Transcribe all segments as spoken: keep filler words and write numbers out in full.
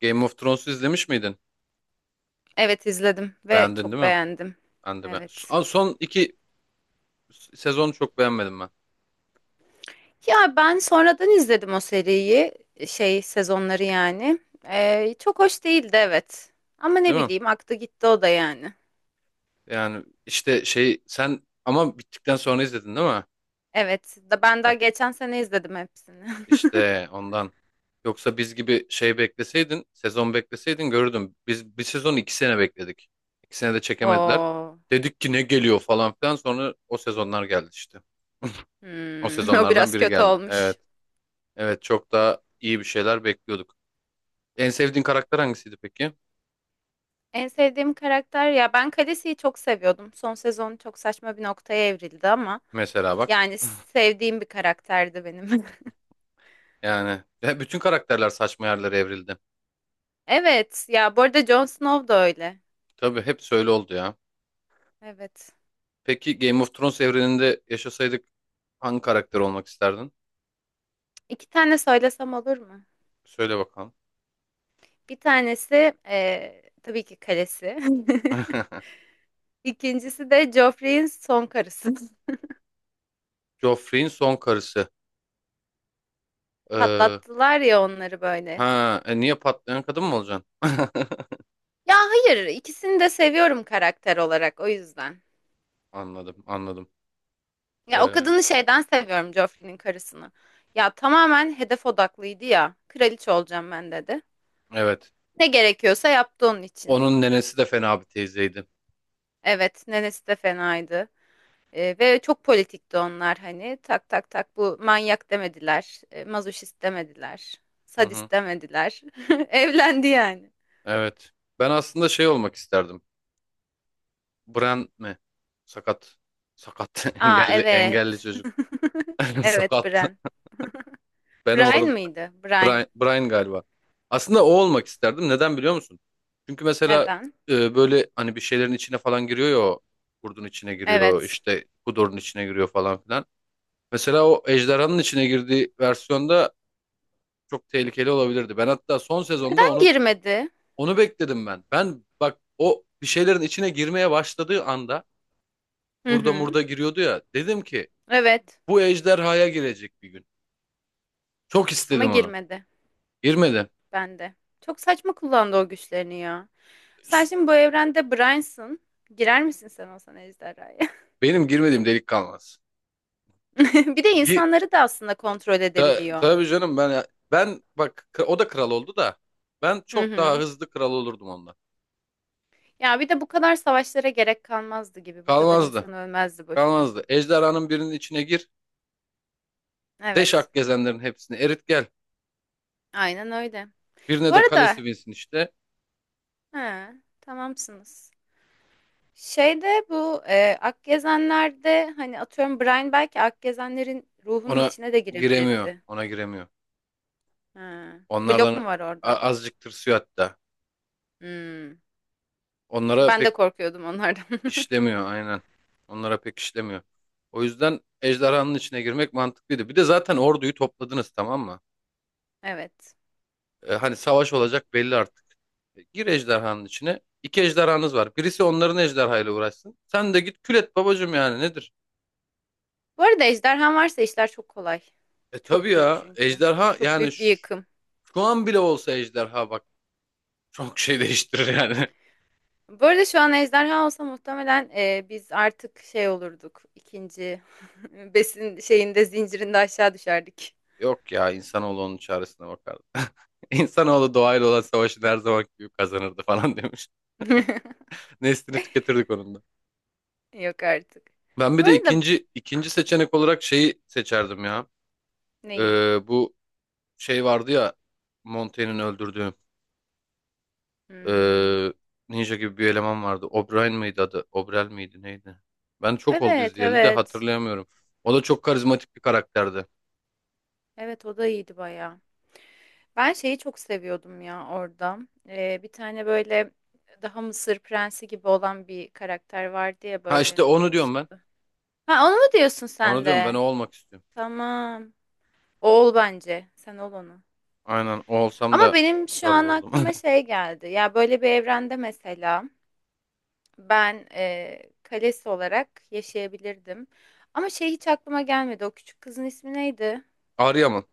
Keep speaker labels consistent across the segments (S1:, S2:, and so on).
S1: Game of Thrones'u izlemiş miydin?
S2: Evet izledim ve
S1: Beğendin
S2: çok
S1: değil mi?
S2: beğendim.
S1: Ben de ben.
S2: Evet.
S1: Son son iki sezonu çok beğenmedim ben.
S2: Ya ben sonradan izledim o seriyi, şey sezonları yani. Ee, çok hoş değildi evet. Ama ne
S1: Değil mi?
S2: bileyim aktı gitti o da yani.
S1: Yani işte şey sen ama bittikten sonra izledin değil mi?
S2: Evet, da ben daha
S1: İşte
S2: geçen sene izledim hepsini.
S1: işte ondan. Yoksa biz gibi şey bekleseydin, sezon bekleseydin görürdüm. Biz bir sezon iki sene bekledik. iki sene de çekemediler.
S2: Oo,
S1: Dedik ki ne geliyor falan filan, sonra o sezonlar geldi işte. O
S2: hmm, o
S1: sezonlardan
S2: biraz
S1: biri
S2: kötü
S1: geldi.
S2: olmuş.
S1: Evet. Evet, çok daha iyi bir şeyler bekliyorduk. En sevdiğin karakter hangisiydi peki?
S2: En sevdiğim karakter ya ben Khaleesi'yi çok seviyordum. Son sezon çok saçma bir noktaya evrildi ama
S1: Mesela bak.
S2: yani sevdiğim bir karakterdi benim.
S1: Yani ve bütün karakterler saçma yerlere evrildi.
S2: Evet, ya bu arada Jon Snow da öyle.
S1: Tabii hep öyle oldu ya.
S2: Evet.
S1: Peki Game of Thrones evreninde yaşasaydık hangi karakter olmak isterdin?
S2: İki tane söylesem olur mu?
S1: Söyle bakalım.
S2: Bir tanesi eee, tabii ki kalesi. İkincisi de Joffrey'in son karısı.
S1: Joffrey'in son karısı. Ee,
S2: Patlattılar ya onları böyle.
S1: ha, e, niye patlayan kadın mı olacaksın?
S2: Ya hayır, ikisini de seviyorum karakter olarak o yüzden.
S1: Anladım, anladım.
S2: Ya o
S1: Ee,
S2: kadını şeyden seviyorum Joffrey'nin karısını. Ya tamamen hedef odaklıydı ya. Kraliçe olacağım ben dedi.
S1: evet.
S2: Ne gerekiyorsa yaptı onun için.
S1: Onun nenesi de fena bir teyzeydi.
S2: Evet, nenesi de fenaydı. E, ve çok politikti onlar hani tak tak tak bu manyak demediler, e, mazoşist demediler,
S1: Hı hı.
S2: sadist demediler. Evlendi yani.
S1: Evet. Ben aslında şey olmak isterdim. Bran mi? Sakat. Sakat.
S2: Aa
S1: Engelli,
S2: evet.
S1: engelli çocuk.
S2: Evet
S1: Sakat.
S2: Brian.
S1: Benim
S2: Brian
S1: oğlum
S2: mıydı? Brian.
S1: Brian, Brian galiba. Aslında o olmak isterdim. Neden biliyor musun? Çünkü mesela
S2: Neden?
S1: e, böyle hani bir şeylerin içine falan giriyor ya o. Kurdun içine giriyor,
S2: Evet.
S1: işte kudurun içine giriyor falan filan. Mesela o ejderhanın içine girdiği versiyonda çok tehlikeli olabilirdi. Ben hatta son sezonda
S2: Ben
S1: onu
S2: girmedi.
S1: onu bekledim ben. Ben bak, o bir şeylerin içine girmeye başladığı anda
S2: Hı
S1: kurda
S2: hı.
S1: murda giriyordu ya. Dedim ki
S2: Evet.
S1: bu ejderhaya girecek bir gün. Çok
S2: Ama
S1: istedim onu.
S2: girmedi
S1: Girmedi.
S2: bende. Çok saçma kullandı o güçlerini ya. Sen şimdi bu evrende Brian'sın. Girer misin sen olsan ejderhaya?
S1: Benim girmediğim delik kalmaz.
S2: Bir de insanları da aslında kontrol
S1: Ta-
S2: edebiliyor.
S1: tabii canım, ben ben bak, k- o da kral oldu da ben
S2: Hı
S1: çok daha
S2: hı.
S1: hızlı kral olurdum onunla.
S2: Ya bir de bu kadar savaşlara gerek kalmazdı gibi. Bu kadar
S1: Kalmazdı.
S2: insan ölmezdi boşuna.
S1: Kalmazdı. Ejderhanın birinin içine gir.
S2: Evet.
S1: Deşak gezenlerin hepsini erit gel.
S2: Aynen öyle. Bu
S1: Birine de
S2: arada
S1: kalesi binsin işte.
S2: he, tamamsınız. Şeyde bu e, Akgezenler'de hani atıyorum Brian belki Akgezenlerin ruhunun
S1: Ona
S2: içine de
S1: giremiyor.
S2: girebilirdi.
S1: Ona giremiyor.
S2: He.
S1: Onlardan
S2: Blok mu var
S1: a-
S2: orada?
S1: azıcık tırsıyor hatta.
S2: Hmm.
S1: Onlara
S2: Ben de
S1: pek
S2: korkuyordum onlardan.
S1: işlemiyor aynen. Onlara pek işlemiyor. O yüzden ejderhanın içine girmek mantıklıydı. Bir de zaten orduyu topladınız tamam mı?
S2: Evet.
S1: E, hani savaş olacak belli artık. E, Gir ejderhanın içine. İki ejderhanız var. Birisi onların ejderhayla uğraşsın. Sen de git kül et babacım, yani nedir?
S2: Bu arada ejderhan varsa işler çok kolay.
S1: E tabii
S2: Çok büyük
S1: ya,
S2: çünkü.
S1: ejderha
S2: Çok
S1: yani
S2: büyük bir
S1: şu,
S2: yıkım.
S1: şu an bile olsa ejderha bak çok şey değiştirir yani.
S2: Bu arada şu an ejderha olsa muhtemelen e, biz artık şey olurduk. İkinci besin şeyinde zincirinde aşağı düşerdik.
S1: Yok ya, insanoğlu onun çaresine bakardı. İnsanoğlu doğayla olan savaşı her zaman gibi kazanırdı falan demiş. Neslini tüketirdik onun da.
S2: Yok artık.
S1: Ben bir
S2: Bu
S1: de
S2: arada
S1: ikinci ikinci seçenek olarak şeyi seçerdim ya.
S2: neyi?
S1: Ee, bu şey vardı ya, Montaigne'in öldürdüğü.
S2: Hmm,
S1: Ee, Ninja gibi bir eleman vardı. O'Brien miydi adı? O'Brel miydi neydi? Ben çok oldu
S2: evet,
S1: izleyeli de
S2: evet.
S1: hatırlayamıyorum. O da çok karizmatik bir karakterdi.
S2: Evet o da iyiydi bayağı. Ben şeyi çok seviyordum ya orada. E, bir tane böyle daha Mısır prensi gibi olan bir karakter vardı ya
S1: Ha işte
S2: böyle
S1: onu diyorum ben.
S2: yakışıklı. Ha onu mu diyorsun
S1: Onu
S2: sen
S1: diyorum ben, o
S2: de?
S1: olmak istiyorum.
S2: Tamam. O ol bence. Sen ol onu.
S1: Aynen o olsam
S2: Ama
S1: da
S2: benim şu
S1: kral
S2: an
S1: olurdum.
S2: aklıma şey geldi. Ya böyle bir evrende mesela ben e, kalesi olarak yaşayabilirdim. Ama şey hiç aklıma gelmedi. O küçük kızın ismi neydi?
S1: Arya mı?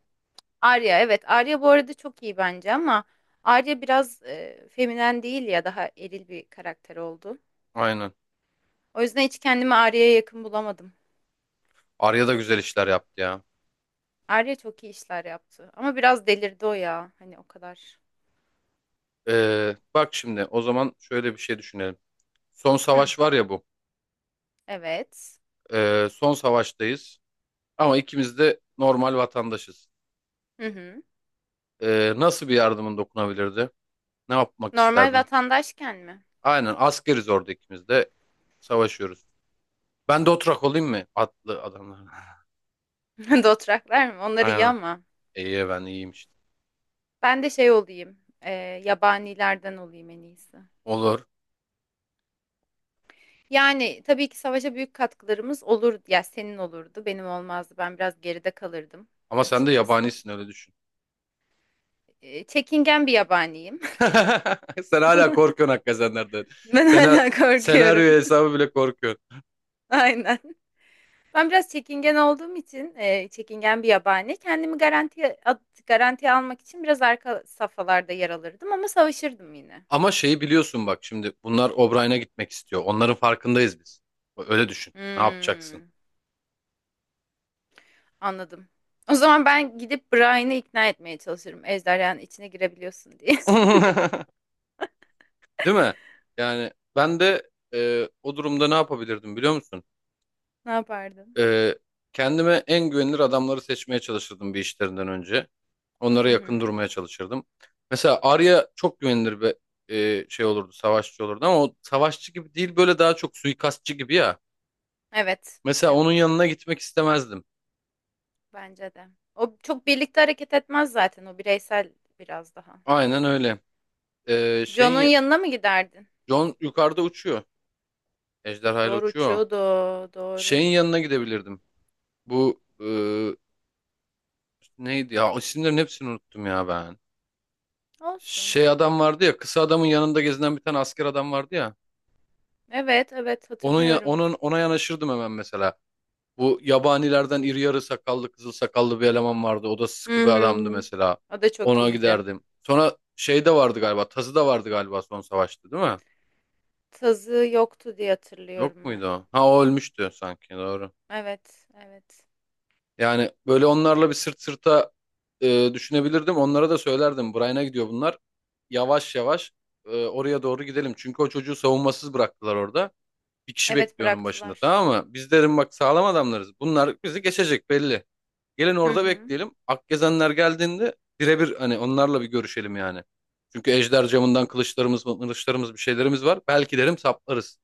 S2: Arya. Evet, Arya bu arada çok iyi bence ama Arya biraz e, feminen değil ya daha eril bir karakter oldu.
S1: Aynen.
S2: O yüzden hiç kendimi Arya'ya yakın bulamadım.
S1: Arya da güzel işler yaptı ya.
S2: Arya çok iyi işler yaptı. Ama biraz delirdi o ya. Hani o kadar.
S1: Ee, bak şimdi o zaman şöyle bir şey düşünelim. Son
S2: Hı,
S1: savaş var ya bu.
S2: evet.
S1: Ee, son savaştayız. Ama ikimiz de normal vatandaşız.
S2: Hı hı.
S1: Ee, nasıl bir yardımın dokunabilirdi? Ne yapmak
S2: Normal
S1: isterdin?
S2: vatandaşken mi?
S1: Aynen, askeriz orada, ikimiz de savaşıyoruz. Ben de oturak olayım mı? Atlı adamlar.
S2: Dothraklar mı? Onlar iyi
S1: Aynen.
S2: ama.
S1: İyi, ben iyiyim işte.
S2: Ben de şey olayım, e, yabanilerden olayım en iyisi.
S1: Olur.
S2: Yani tabii ki savaşa büyük katkılarımız olurdu. Ya senin olurdu, benim olmazdı. Ben biraz geride kalırdım
S1: Ama sen de
S2: açıkçası.
S1: yabanisin, öyle düşün.
S2: E, çekingen bir yabaniyim.
S1: Sen hala korkuyorsun hakikaten.
S2: Ben
S1: Sena
S2: hala korkuyorum.
S1: Senaryo hesabı bile korkuyorsun.
S2: Aynen. Ben biraz çekingen olduğum için, e, çekingen bir yabani. Kendimi garantiye at- garantiye almak için biraz arka safhalarda yer alırdım ama savaşırdım yine.
S1: Ama şeyi biliyorsun, bak şimdi bunlar O'Brien'e gitmek istiyor. Onların farkındayız biz. Öyle düşün. Ne yapacaksın?
S2: Hmm. Anladım. O zaman ben gidip Brian'ı ikna etmeye çalışırım. Ejderhanın içine girebiliyorsun diye.
S1: Değil mi? Yani ben de e, o durumda ne yapabilirdim biliyor musun?
S2: Ne yapardın?
S1: Ee, Kendime en güvenilir adamları seçmeye çalışırdım bir, işlerinden önce. Onlara
S2: Hı
S1: yakın
S2: hı.
S1: durmaya çalışırdım. Mesela Arya çok güvenilir bir e, şey olurdu, savaşçı olurdu ama o savaşçı gibi değil, böyle daha çok suikastçı gibi ya.
S2: Evet.
S1: Mesela onun
S2: Evet.
S1: yanına gitmek istemezdim.
S2: Bence de. O çok birlikte hareket etmez zaten. O bireysel biraz daha.
S1: Aynen öyle. Ee,
S2: John'un
S1: şeyin
S2: yanına mı giderdin?
S1: Jon yukarıda uçuyor. Ejderha ile
S2: Doğru
S1: uçuyor, o.
S2: uçuyordu. Doğru.
S1: Şeyin yanına gidebilirdim. Bu e, neydi ya? İsimlerin hepsini unuttum ya ben.
S2: Olsun.
S1: Şey adam vardı ya, kısa adamın yanında gezinen bir tane asker adam vardı ya.
S2: Evet. Evet.
S1: Onun ya-
S2: Hatırlıyorum.
S1: onun ona yanaşırdım hemen mesela. Bu yabanilerden iri yarı sakallı, kızıl sakallı bir eleman vardı. O da sıkı bir adamdı
S2: Hmm.
S1: mesela.
S2: O da çok
S1: Ona
S2: iyiydi.
S1: giderdim. Sonra şey de vardı galiba. Tazı da vardı galiba son savaşta değil mi?
S2: Tazı yoktu diye
S1: Yok
S2: hatırlıyorum ben.
S1: muydu o? Ha o ölmüştü sanki, doğru.
S2: Evet. Evet.
S1: Yani böyle onlarla bir sırt sırta e, düşünebilirdim. Onlara da söylerdim. Brian'a gidiyor bunlar. Yavaş yavaş e, oraya doğru gidelim. Çünkü o çocuğu savunmasız bıraktılar orada. Bir kişi
S2: Evet
S1: bekliyor onun başında,
S2: bıraktılar.
S1: tamam mı? Biz, derim, bak sağlam adamlarız. Bunlar bizi geçecek belli. Gelin
S2: Hı
S1: orada
S2: hı.
S1: bekleyelim. Akgezenler geldiğinde birebir hani onlarla bir görüşelim yani. Çünkü ejder camından kılıçlarımız, kılıçlarımız bir şeylerimiz var. Belki derim saplarız.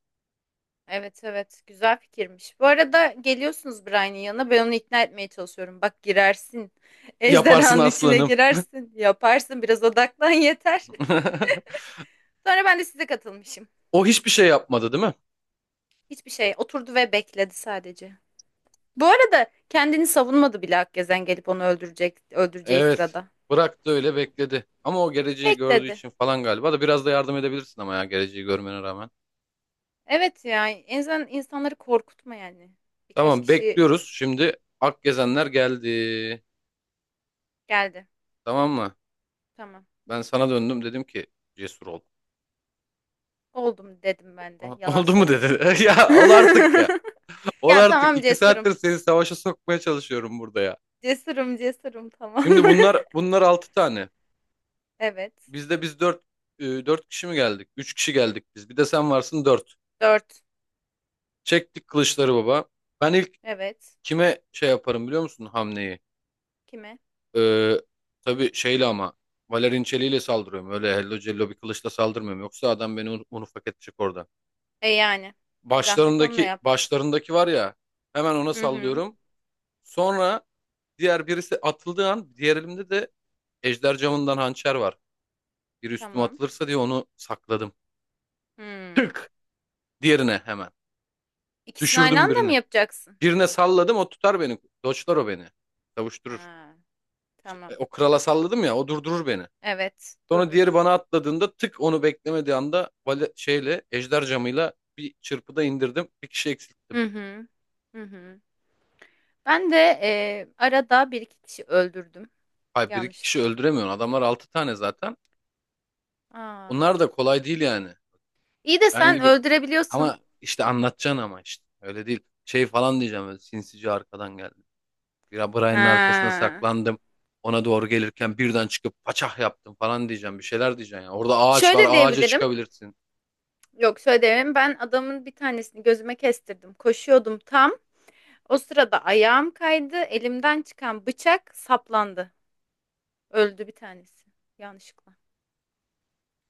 S2: Evet evet güzel fikirmiş. Bu arada geliyorsunuz Brian'in yanına ben onu ikna etmeye çalışıyorum. Bak girersin
S1: Yaparsın
S2: ejderhanın içine
S1: aslanım.
S2: girersin yaparsın biraz odaklan yeter. Sonra ben de size katılmışım.
S1: O hiçbir şey yapmadı değil mi?
S2: Hiçbir şey oturdu ve bekledi sadece. Bu arada kendini savunmadı bile Akgezen gelip onu öldürecek öldüreceği
S1: Evet.
S2: sırada.
S1: Bıraktı, öyle bekledi. Ama o geleceği gördüğü
S2: Bekledi.
S1: için falan galiba da biraz da yardım edebilirsin ama ya, geleceği görmene rağmen.
S2: Evet ya en azından insanları korkutma yani. Birkaç
S1: Tamam,
S2: kişi
S1: bekliyoruz. Şimdi Akgezenler geldi.
S2: geldi.
S1: Tamam mı?
S2: Tamam
S1: Ben sana döndüm, dedim ki cesur ol.
S2: oldum dedim ben de yalan
S1: Oldu mu, dedi.
S2: söyledim.
S1: Ya ol artık ya. Ol
S2: Ya
S1: artık.
S2: tamam
S1: İki
S2: cesurum.
S1: saattir seni savaşa sokmaya çalışıyorum burada ya.
S2: Cesurum cesurum tamam.
S1: Şimdi bunlar bunlar altı tane.
S2: Evet.
S1: Bizde biz dört e, dört kişi mi geldik? Üç kişi geldik biz. Bir de sen varsın, dört.
S2: Dört.
S1: Çektik kılıçları baba. Ben ilk
S2: Evet.
S1: kime şey yaparım biliyor musun, hamleyi?
S2: Kime?
S1: Ee, tabii şeyle ama Valerian çeliğiyle saldırıyorum. Öyle hello cello bir kılıçla saldırmıyorum. Yoksa adam beni un, unufak edecek orada.
S2: E yani. Bir zahmet onunla
S1: Başlarındaki
S2: yap.
S1: başlarındaki var ya, hemen ona
S2: Hı hı.
S1: sallıyorum. Sonra diğer birisi atıldığı an diğer elimde de ejder camından hançer var. Bir üstüme
S2: Tamam.
S1: atılırsa diye onu sakladım.
S2: Hmm.
S1: Tık! Diğerine hemen.
S2: İkisini aynı
S1: Düşürdüm
S2: anda mı
S1: birini.
S2: yapacaksın?
S1: Birine salladım, o tutar beni. Doçlar o beni. Savuşturur.
S2: Ha,
S1: Şey, e,
S2: tamam.
S1: O krala salladım ya, o durdurur beni.
S2: Evet.
S1: Sonra diğeri
S2: Durdurur.
S1: bana atladığında tık, onu beklemediği anda vale, şeyle ejder camıyla bir çırpıda indirdim. Bir kişi eksilttim.
S2: Hı hı. Hı hı. Ben de e, arada bir iki kişi öldürdüm.
S1: Hayır, bir iki kişi
S2: Yanlışlıkla.
S1: öldüremiyorsun. Adamlar altı tane zaten.
S2: Aa.
S1: Onlar da kolay değil yani.
S2: İyi de
S1: Ben
S2: sen
S1: gibi
S2: öldürebiliyorsun.
S1: ama işte anlatacaksın ama işte. Öyle değil. Şey falan diyeceğim, böyle sinsice arkadan geldi. Ya Brian'ın arkasına
S2: Ha.
S1: saklandım. Ona doğru gelirken birden çıkıp paçah yaptım falan diyeceğim. Bir şeyler diyeceksin ya. Orada ağaç var,
S2: Şöyle
S1: ağaca
S2: diyebilirim.
S1: çıkabilirsin.
S2: Yok şöyle diyemem. Ben adamın bir tanesini gözüme kestirdim. Koşuyordum tam. O sırada ayağım kaydı. Elimden çıkan bıçak saplandı. Öldü bir tanesi. Yanlışlıkla.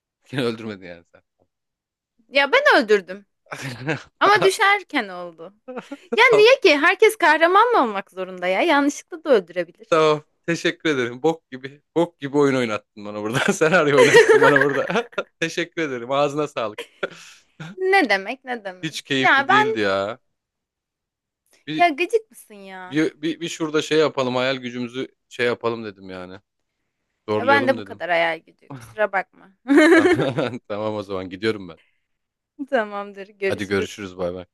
S1: Seni öldürmedi yani sen.
S2: Ya ben öldürdüm. Ama düşerken oldu. Ya niye ki? Herkes kahraman mı olmak zorunda ya? Yanlışlıkla da öldürebilir.
S1: Tamam. Teşekkür ederim. Bok gibi. Bok gibi oyun oynattın bana burada. Senaryo oynattın bana burada. Teşekkür ederim. Ağzına sağlık.
S2: Ne demek ne demek?
S1: Hiç keyifli
S2: Ya ben
S1: değildi ya. Bir,
S2: ya gıcık mısın ya?
S1: bir, bir, bir şurada şey yapalım. Hayal gücümüzü şey yapalım dedim yani.
S2: Ya ben de
S1: Zorlayalım
S2: bu
S1: dedim.
S2: kadar hayal gücü. Kusura bakma.
S1: Tamam, tamam o zaman gidiyorum ben.
S2: Tamamdır.
S1: Hadi
S2: Görüşürüz.
S1: görüşürüz, bay bay.